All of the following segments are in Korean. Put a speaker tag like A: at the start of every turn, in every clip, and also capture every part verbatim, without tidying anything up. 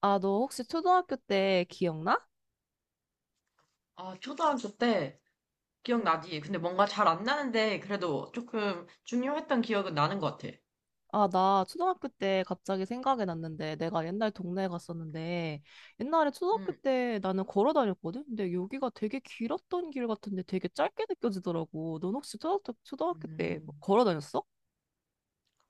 A: 아, 너 혹시 초등학교 때 기억나?
B: 아, 초등학교 때
A: 응.
B: 기억나지? 근데 뭔가 잘 안 나는데 그래도 조금 중요했던 기억은 나는 것 같아.
A: 아, 나 초등학교 때 갑자기 생각이 났는데, 내가 옛날 동네에 갔었는데, 옛날에 초등학교
B: 음,
A: 때 나는 걸어 다녔거든? 근데 여기가 되게 길었던 길 같은데 되게 짧게 느껴지더라고. 넌 혹시 초등학교, 초등학교 때뭐
B: 음.
A: 걸어 다녔어?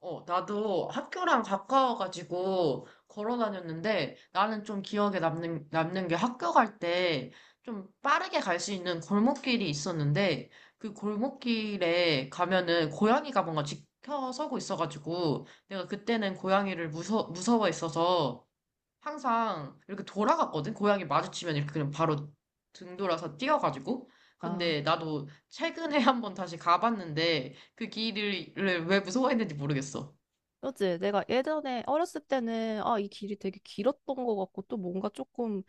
B: 어, 나도 학교랑 가까워가지고 걸어 다녔는데 나는 좀 기억에 남는, 남는 게 학교 갈 때 좀 빠르게 갈 수 있는 골목길이 있었는데 그 골목길에 가면은 고양이가 뭔가 지켜서고 있어가지고 내가 그때는 고양이를 무서, 무서워했어서 항상 이렇게 돌아갔거든. 고양이 마주치면 이렇게 그냥 바로 등 돌아서 뛰어가지고.
A: 아,
B: 근데 나도 최근에 한번 다시 가봤는데 그 길을 왜 무서워했는지 모르겠어.
A: 그렇지. 내가 예전에 어렸을 때는, 아, 이 길이 되게 길었던 것 같고, 또 뭔가 조금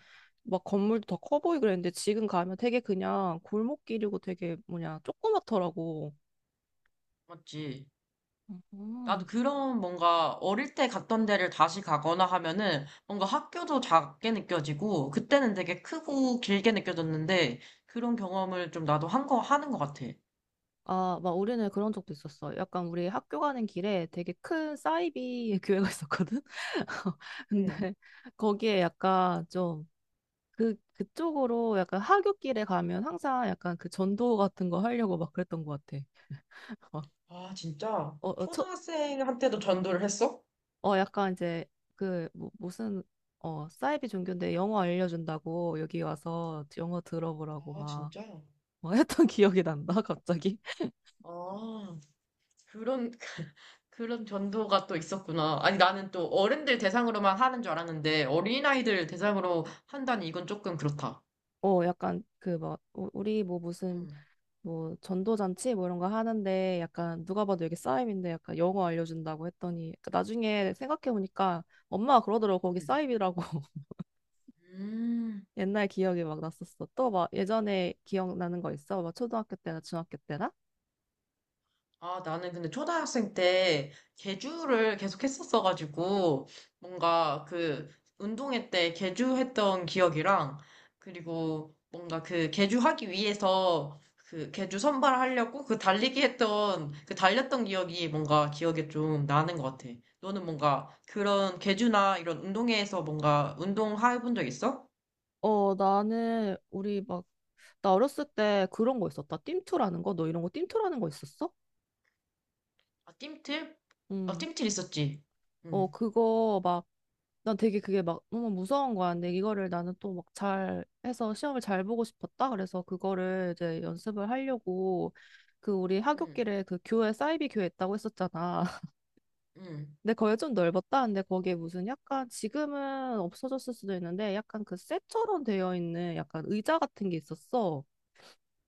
A: 막 건물도 더 커 보이고 그랬는데, 지금 가면 되게 그냥 골목길이고 되게 뭐냐, 조그맣더라고.
B: 맞지? 나도
A: 음.
B: 그런 뭔가 어릴 때 갔던 데를 다시 가거나 하면은 뭔가 학교도 작게 느껴지고 그때는 되게 크고 길게 느껴졌는데 그런 경험을 좀 나도 한 거, 하는 것 같아.
A: 아, 막 우리는 그런 적도 있었어. 약간 우리 학교 가는 길에 되게 큰 사이비 교회가 있었거든.
B: 응.
A: 근데 거기에 약간 좀 그, 그쪽으로 약간 하굣길에 가면 항상 약간 그 전도 같은 거 하려고 막 그랬던 것 같아. 어,
B: 아, 진짜?
A: 어, 어, 초,
B: 초등학생한테도 전도를 했어?
A: 어 약간 이제 그 뭐, 무슨 어 사이비 종교인데 영어 알려준다고 여기 와서 영어 들어보라고
B: 아,
A: 막,
B: 진짜?
A: 막 했던 기억이 난다, 갑자기.
B: 아. 그런, 그런 전도가 또 있었구나. 아니, 나는 또 어른들 대상으로만 하는 줄 알았는데, 어린아이들 대상으로 한다니 이건 조금 그렇다.
A: 어, 약간 그 막 우리 뭐 무슨
B: 음,
A: 뭐 전도잔치 뭐 이런 거 하는데 약간 누가 봐도 여기 싸임인데 약간 영어 알려준다고 했더니 그 나중에 생각해 보니까 엄마가 그러더라고, 거기
B: 음.
A: 싸임이라고.
B: 음.
A: 옛날 기억이 막 났었어. 또 막 예전에 기억나는 거 있어? 막 초등학교 때나 중학교 때나?
B: 아, 나는 근데 초등학생 때 계주를 계속 했었어가지고, 뭔가 그 운동회 때 계주했던 기억이랑, 그리고 뭔가 그 계주하기 위해서 그 계주 선발하려고 그 달리기 했던, 그 달렸던 기억이 뭔가 기억에 좀 나는 것 같아. 너는 뭔가 그런 계주나 이런 운동회에서 뭔가 운동해 본 적 있어?
A: 어, 나는 우리 막, 나 어렸을 때 그런 거 있었다. 띰투라는 거? 너 이런 거 띰투라는 거 있었어?
B: 아, 뜀틀? 아,
A: 응.
B: 뜀틀 있었지.
A: 어
B: 응,
A: 그거 막 난 되게 그게 막 너무 무서운 거야. 근데 이거를 나는 또 막 잘 해서 시험을 잘 보고 싶었다. 그래서 그거를 이제 연습을 하려고, 그 우리
B: 응,
A: 하굣길에 그 교회 사이비 교회 있다고 했었잖아.
B: 응,
A: 근데 거기 좀 넓었다. 근데 거기에 무슨 약간 지금은 없어졌을 수도 있는데 약간 그 쇠처럼 되어 있는 약간 의자 같은 게 있었어.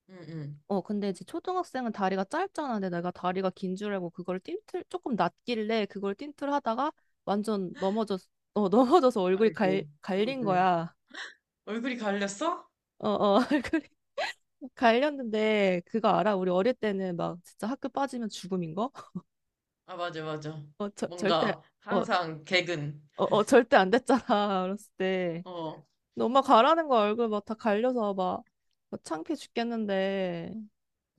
B: 응, 응.
A: 어, 근데 이제 초등학생은 다리가 짧잖아. 근데 내가 다리가 긴 줄 알고 그걸 띵틀 조금 낮길래 그걸 띵틀 하다가 완전 넘어졌, 어, 넘어져서 얼굴이 갈,
B: 아이고. 응,
A: 갈린
B: 응.
A: 거야.
B: 얼굴이 갈렸어?
A: 어, 어, 그래. 갈렸는데, 그거 알아? 우리 어릴 때는 막 진짜 학교 빠지면 죽음인 거?
B: 아, 맞아, 맞아.
A: 어, 저, 절대,
B: 뭔가,
A: 어,
B: 항상 개근.
A: 어, 어, 절대 안 됐잖아. 어렸을 때.
B: 어,
A: 근데 엄마 가라는 거 얼굴 막 다 갈려서 막, 막 창피해 죽겠는데.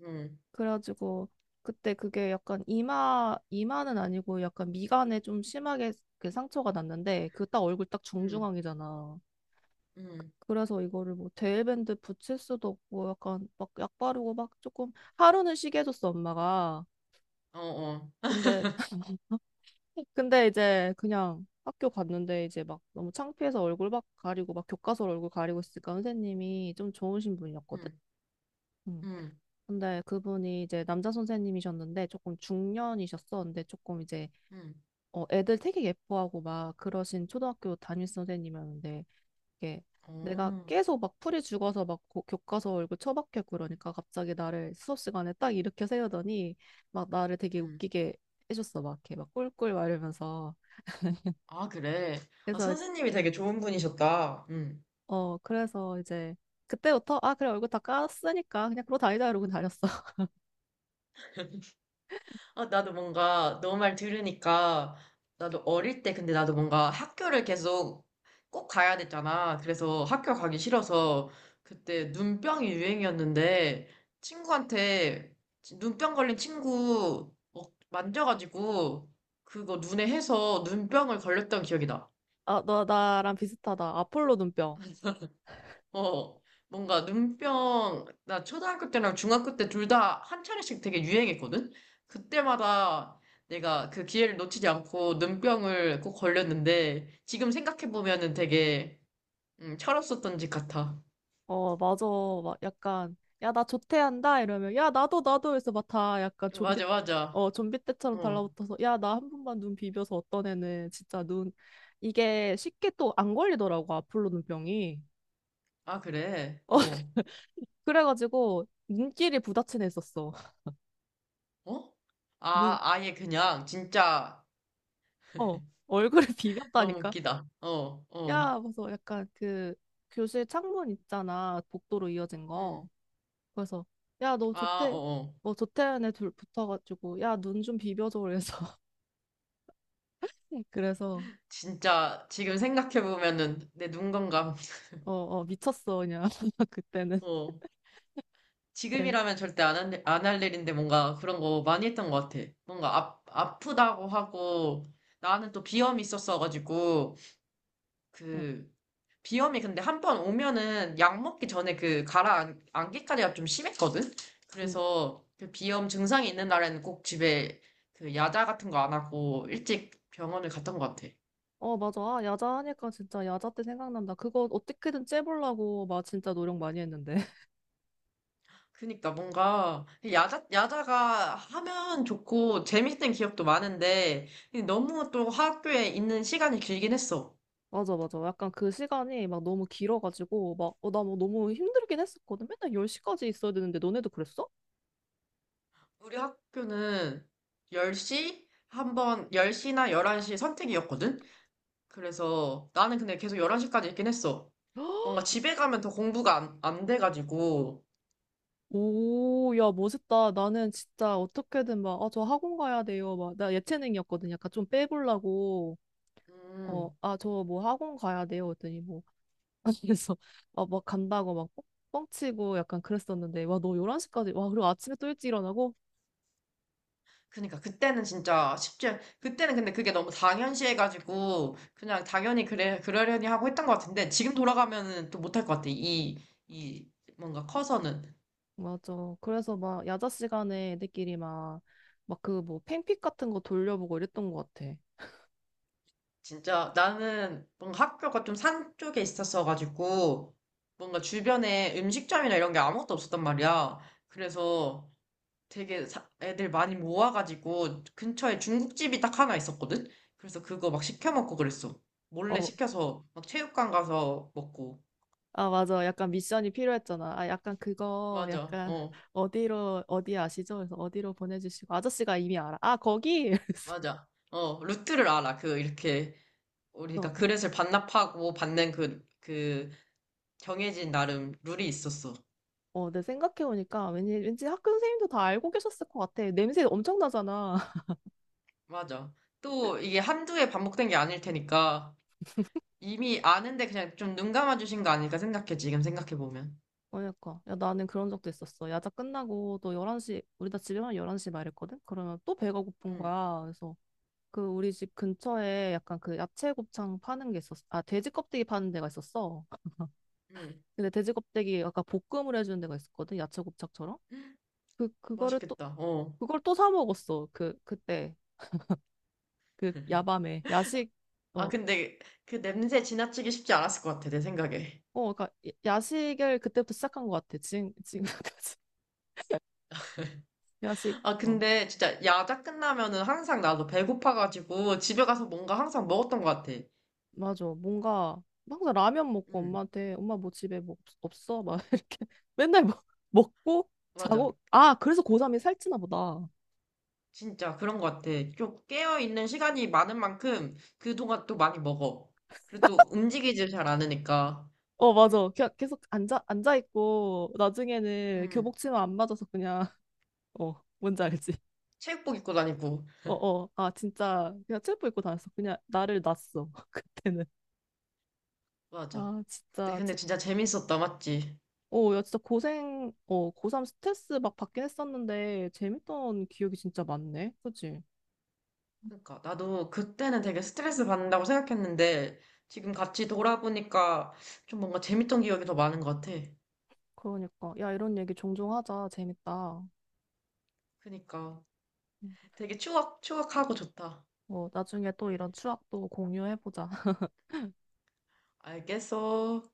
B: 음,
A: 그래가지고, 그때 그게 약간 이마, 이마는 아니고 약간 미간에 좀 심하게 그 상처가 났는데, 그 딱 얼굴 딱
B: 음,
A: 정중앙이잖아.
B: 음,
A: 그래서 이거를 뭐 데일밴드 붙일 수도 없고 약간 막 약 바르고 막 조금 하루는 쉬게 해줬어 엄마가.
B: 어, 어,
A: 근데 근데 이제 그냥 학교 갔는데 이제 막 너무 창피해서 얼굴 막 가리고 막 교과서 얼굴 가리고 있으니까 선생님이 좀 좋으신 분이었거든.
B: 음,
A: 음.
B: 음,
A: 근데 그분이 이제 남자 선생님이셨는데 조금 중년이셨어. 근데 조금 이제
B: 음,
A: 어 애들 되게 예뻐하고 막 그러신 초등학교 담임 선생님이었는데, 이게 내가
B: 어,
A: 계속 막 풀이 죽어서 막 고- 교과서 얼굴 처박혀 있고 그러니까 갑자기 나를 수업 시간에 딱 일으켜 세우더니 막 나를 되게
B: 음.
A: 웃기게 해줬어. 막 이렇게 막 꿀꿀 말하면서.
B: 아, 그래. 아,
A: 그래서 이제-,
B: 선생님이 되게 좋은 분이셨다. 응.
A: 어 그래서 이제 그때부터, 아 그래 얼굴 다 깠으니까 그냥 그러고 다니자, 이러고 다녔어.
B: 아, 나도 뭔가 너 말 들으니까 나도 어릴 때 근데 나도 뭔가 학교를 계속 꼭 가야 됐잖아. 그래서 학교 가기 싫어서 그때 눈병이 유행이었는데 친구한테 지- 눈병 걸린 친구 어, 만져가지고 그거 눈에 해서 눈병을 걸렸던 기억이 나.
A: 아 너 나랑 비슷하다. 아폴로 눈병.
B: 어, 뭔가 눈병, 나 초등학교 때랑 중학교 때 둘 다 한 차례씩 되게 유행했거든? 그때마다 내가 그 기회를 놓치지 않고 눈병을 꼭 걸렸는데, 지금 생각해보면은 되게, 음, 철없었던 짓 같아.
A: 어 맞아. 막 약간, 야 나 조퇴한다 이러면 야 나도 나도, 그래서 막 다 약간 좀비,
B: 맞아, 맞아.
A: 어 좀비 때처럼
B: 어.
A: 달라붙어서 야 나 한 번만 눈 비벼서. 어떤 애는 진짜 눈 이게 쉽게 또 안 걸리더라고 아폴로 눈병이.
B: 아, 그래.
A: 어
B: 어.
A: 그래가지고 눈길이 부딪힌 애 있었어.
B: 어?
A: 눈,
B: 아, 아예 그냥, 진짜,
A: 어, 얼굴에
B: 너무
A: 비볐다니까.
B: 웃기다. 어, 어.
A: 야, 그래서 약간 그 교실 창문 있잖아. 복도로 이어진 거.
B: 음.
A: 그래서 야, 너 조
B: 아,
A: 태
B: 어, 어.
A: 뭐 조태현에 둘 붙어가지고 야, 눈 좀 비벼줘. 그래서 그래서
B: 진짜, 지금 생각해보면은 내 눈 건강.
A: 어, 어 미쳤어 그냥 그때는.
B: 어.
A: 네.
B: 지금이라면 절대 안 할, 안할 일인데 뭔가 그런 거 많이 했던 것 같아. 뭔가 아, 아프다고 하고, 나는 또 비염이 있었어가지고,
A: 응.
B: 그, 비염이 근데 한번 오면은 약 먹기 전에 그 가라앉기까지가 좀 심했거든?
A: 응.
B: 그래서 그 비염 증상이 있는 날에는 꼭 집에 그 야자 같은 거 안 하고 일찍 병원을 갔던 것 같아.
A: 어, 맞아. 아, 야자 하니까 진짜 야자 때 생각난다. 그거 어떻게든 째보려고 막 진짜 노력 많이 했는데.
B: 그니까 뭔가 야자 야자가 하면 좋고 재밌는 기억도 많은데 너무 또 학교에 있는 시간이 길긴 했어.
A: 맞아, 맞아. 약간 그 시간이 막 너무 길어가지고 막, 어, 나 뭐 너무 힘들긴 했었거든. 맨날 열 시까지 있어야 되는데 너네도 그랬어?
B: 우리 학교는 열 시 한 번, 열 시나 열한 시 선택이었거든? 그래서 나는 근데 계속 열한 시까지 있긴 했어. 뭔가 집에 가면 더 공부가 안, 안 돼가지고.
A: 오, 야, 멋있다. 나는 진짜 어떻게든 막, 아, 저 학원 가야 돼요. 막, 나 예체능이었거든. 약간 좀 빼보려고, 어,
B: 음,
A: 아, 저 뭐 학원 가야 돼요. 그랬더니 뭐, 그래서, 아, 막 간다고 막 뻥-, 뻥치고 약간 그랬었는데, 와, 너 열한 시까지, 와, 그리고 아침에 또 일찍 일어나고?
B: 그니까 그때는 진짜 쉽지 않- 그때는 근데 그게 너무 당연시해 가지고 그냥 당연히 그래 그러려니 하고 했던 것 같은데 지금 돌아가면은 또 못할 것 같아. 이 이 뭔가 커서는
A: 맞아. 그래서 막, 야자 시간에 애들끼리 막, 막 그 뭐, 팽픽 같은 거 돌려보고 이랬던 것 같아.
B: 진짜 나는 뭔가 학교가 좀 산 쪽에 있었어 가지고 뭔가 주변에 음식점이나 이런 게 아무것도 없었단 말이야. 그래서 되게 사- 애들 많이 모아가지고 근처에 중국집이 딱 하나 있었거든. 그래서 그거 막 시켜 먹고 그랬어. 몰래
A: 어,
B: 시켜서 막 체육관 가서 먹고.
A: 아, 맞아. 약간 미션이 필요했잖아. 아, 약간 그거,
B: 맞아.
A: 약간,
B: 어,
A: 어디로, 어디 아시죠? 그래서 어디로 보내주시고. 아저씨가 이미 알아. 아, 거기! 그래서,
B: 맞아. 어, 루트를 알아. 그, 이렇게,
A: 어,
B: 우리가 그릇을 반납하고 받는 그, 그, 정해진 나름 룰이 있었어.
A: 어, 내 생각해보니까 왠지, 왠지 학교 선생님도 다 알고 계셨을 것 같아. 냄새 엄청 나잖아.
B: 맞아. 또, 이게 한두 해 반복된 게 아닐 테니까, 이미 아는데 그냥 좀 눈 감아주신 거 아닐까 생각해, 지금 생각해보면.
A: 그러니까. 야, 나는 그런 적도 있었어. 야자 끝나고 또 열한 시, 우리 다 집에만 열한 시 말했거든? 그러면 또 배가 고픈
B: 응,
A: 거야. 그래서 그 우리 집 근처에 약간 그 야채 곱창 파는 게 있었어. 아, 돼지 껍데기 파는 데가 있었어.
B: 응.
A: 근데 돼지 껍데기 아까 볶음을 해주는 데가 있었거든. 야채 곱창처럼. 그 그거를 또
B: 맛있겠다. 어.
A: 그걸 또 사 먹었어. 그 그때 그 야밤에 야식,
B: 아,
A: 어,
B: 근데 그 냄새 지나치기 쉽지 않았을 것 같아, 내 생각에.
A: 어 그러니까 야- 야식을 그때부터 시작한 것 같아. 지금 지금까지 야식
B: 아,
A: 어
B: 근데 진짜 야자 끝나면은 항상 나도 배고파가지고 집에 가서 뭔가 항상 먹었던 것 같아.
A: 맞아. 뭔가 항상 라면 먹고
B: 음,
A: 엄마한테, 엄마 뭐 집에 뭐 없- 없어 막 이렇게 맨날 먹 먹고
B: 맞아.
A: 자고. 아 그래서 고삼이 살찌나 보다.
B: 진짜 그런 것 같아. 좀 깨어있는 시간이 많은 만큼 그동안 또 많이 먹어. 그리고 또 움직이질 잘 않으니까.
A: 어 맞아. 그냥 계속 앉아 앉아 있고 나중에는
B: 음,
A: 교복 치마 안 맞아서 그냥 어 뭔지 알지?
B: 체육복 입고 다니고.
A: 어어 아 진짜 그냥 체육복 입고 다녔어. 그냥 나를 놨어 그때는.
B: 맞아.
A: 아
B: 그때
A: 진짜
B: 근데
A: 제...
B: 진짜 재밌었다, 맞지?
A: 어야 진짜 고생, 어 고삼 스트레스 막 받긴 했었는데 재밌던 기억이 진짜 많네 그치?
B: 그러니까 나도 그때는 되게 스트레스 받는다고 생각했는데 지금 같이 돌아보니까 좀 뭔가 재밌던 기억이 더 많은 것 같아.
A: 그러니까. 야 이런 얘기 종종 하자, 재밌다.
B: 그러니까
A: 음.
B: 되게 추억, 추억하고 좋다.
A: 어 나중에 또 이런 추억도 공유해보자.
B: 알겠어.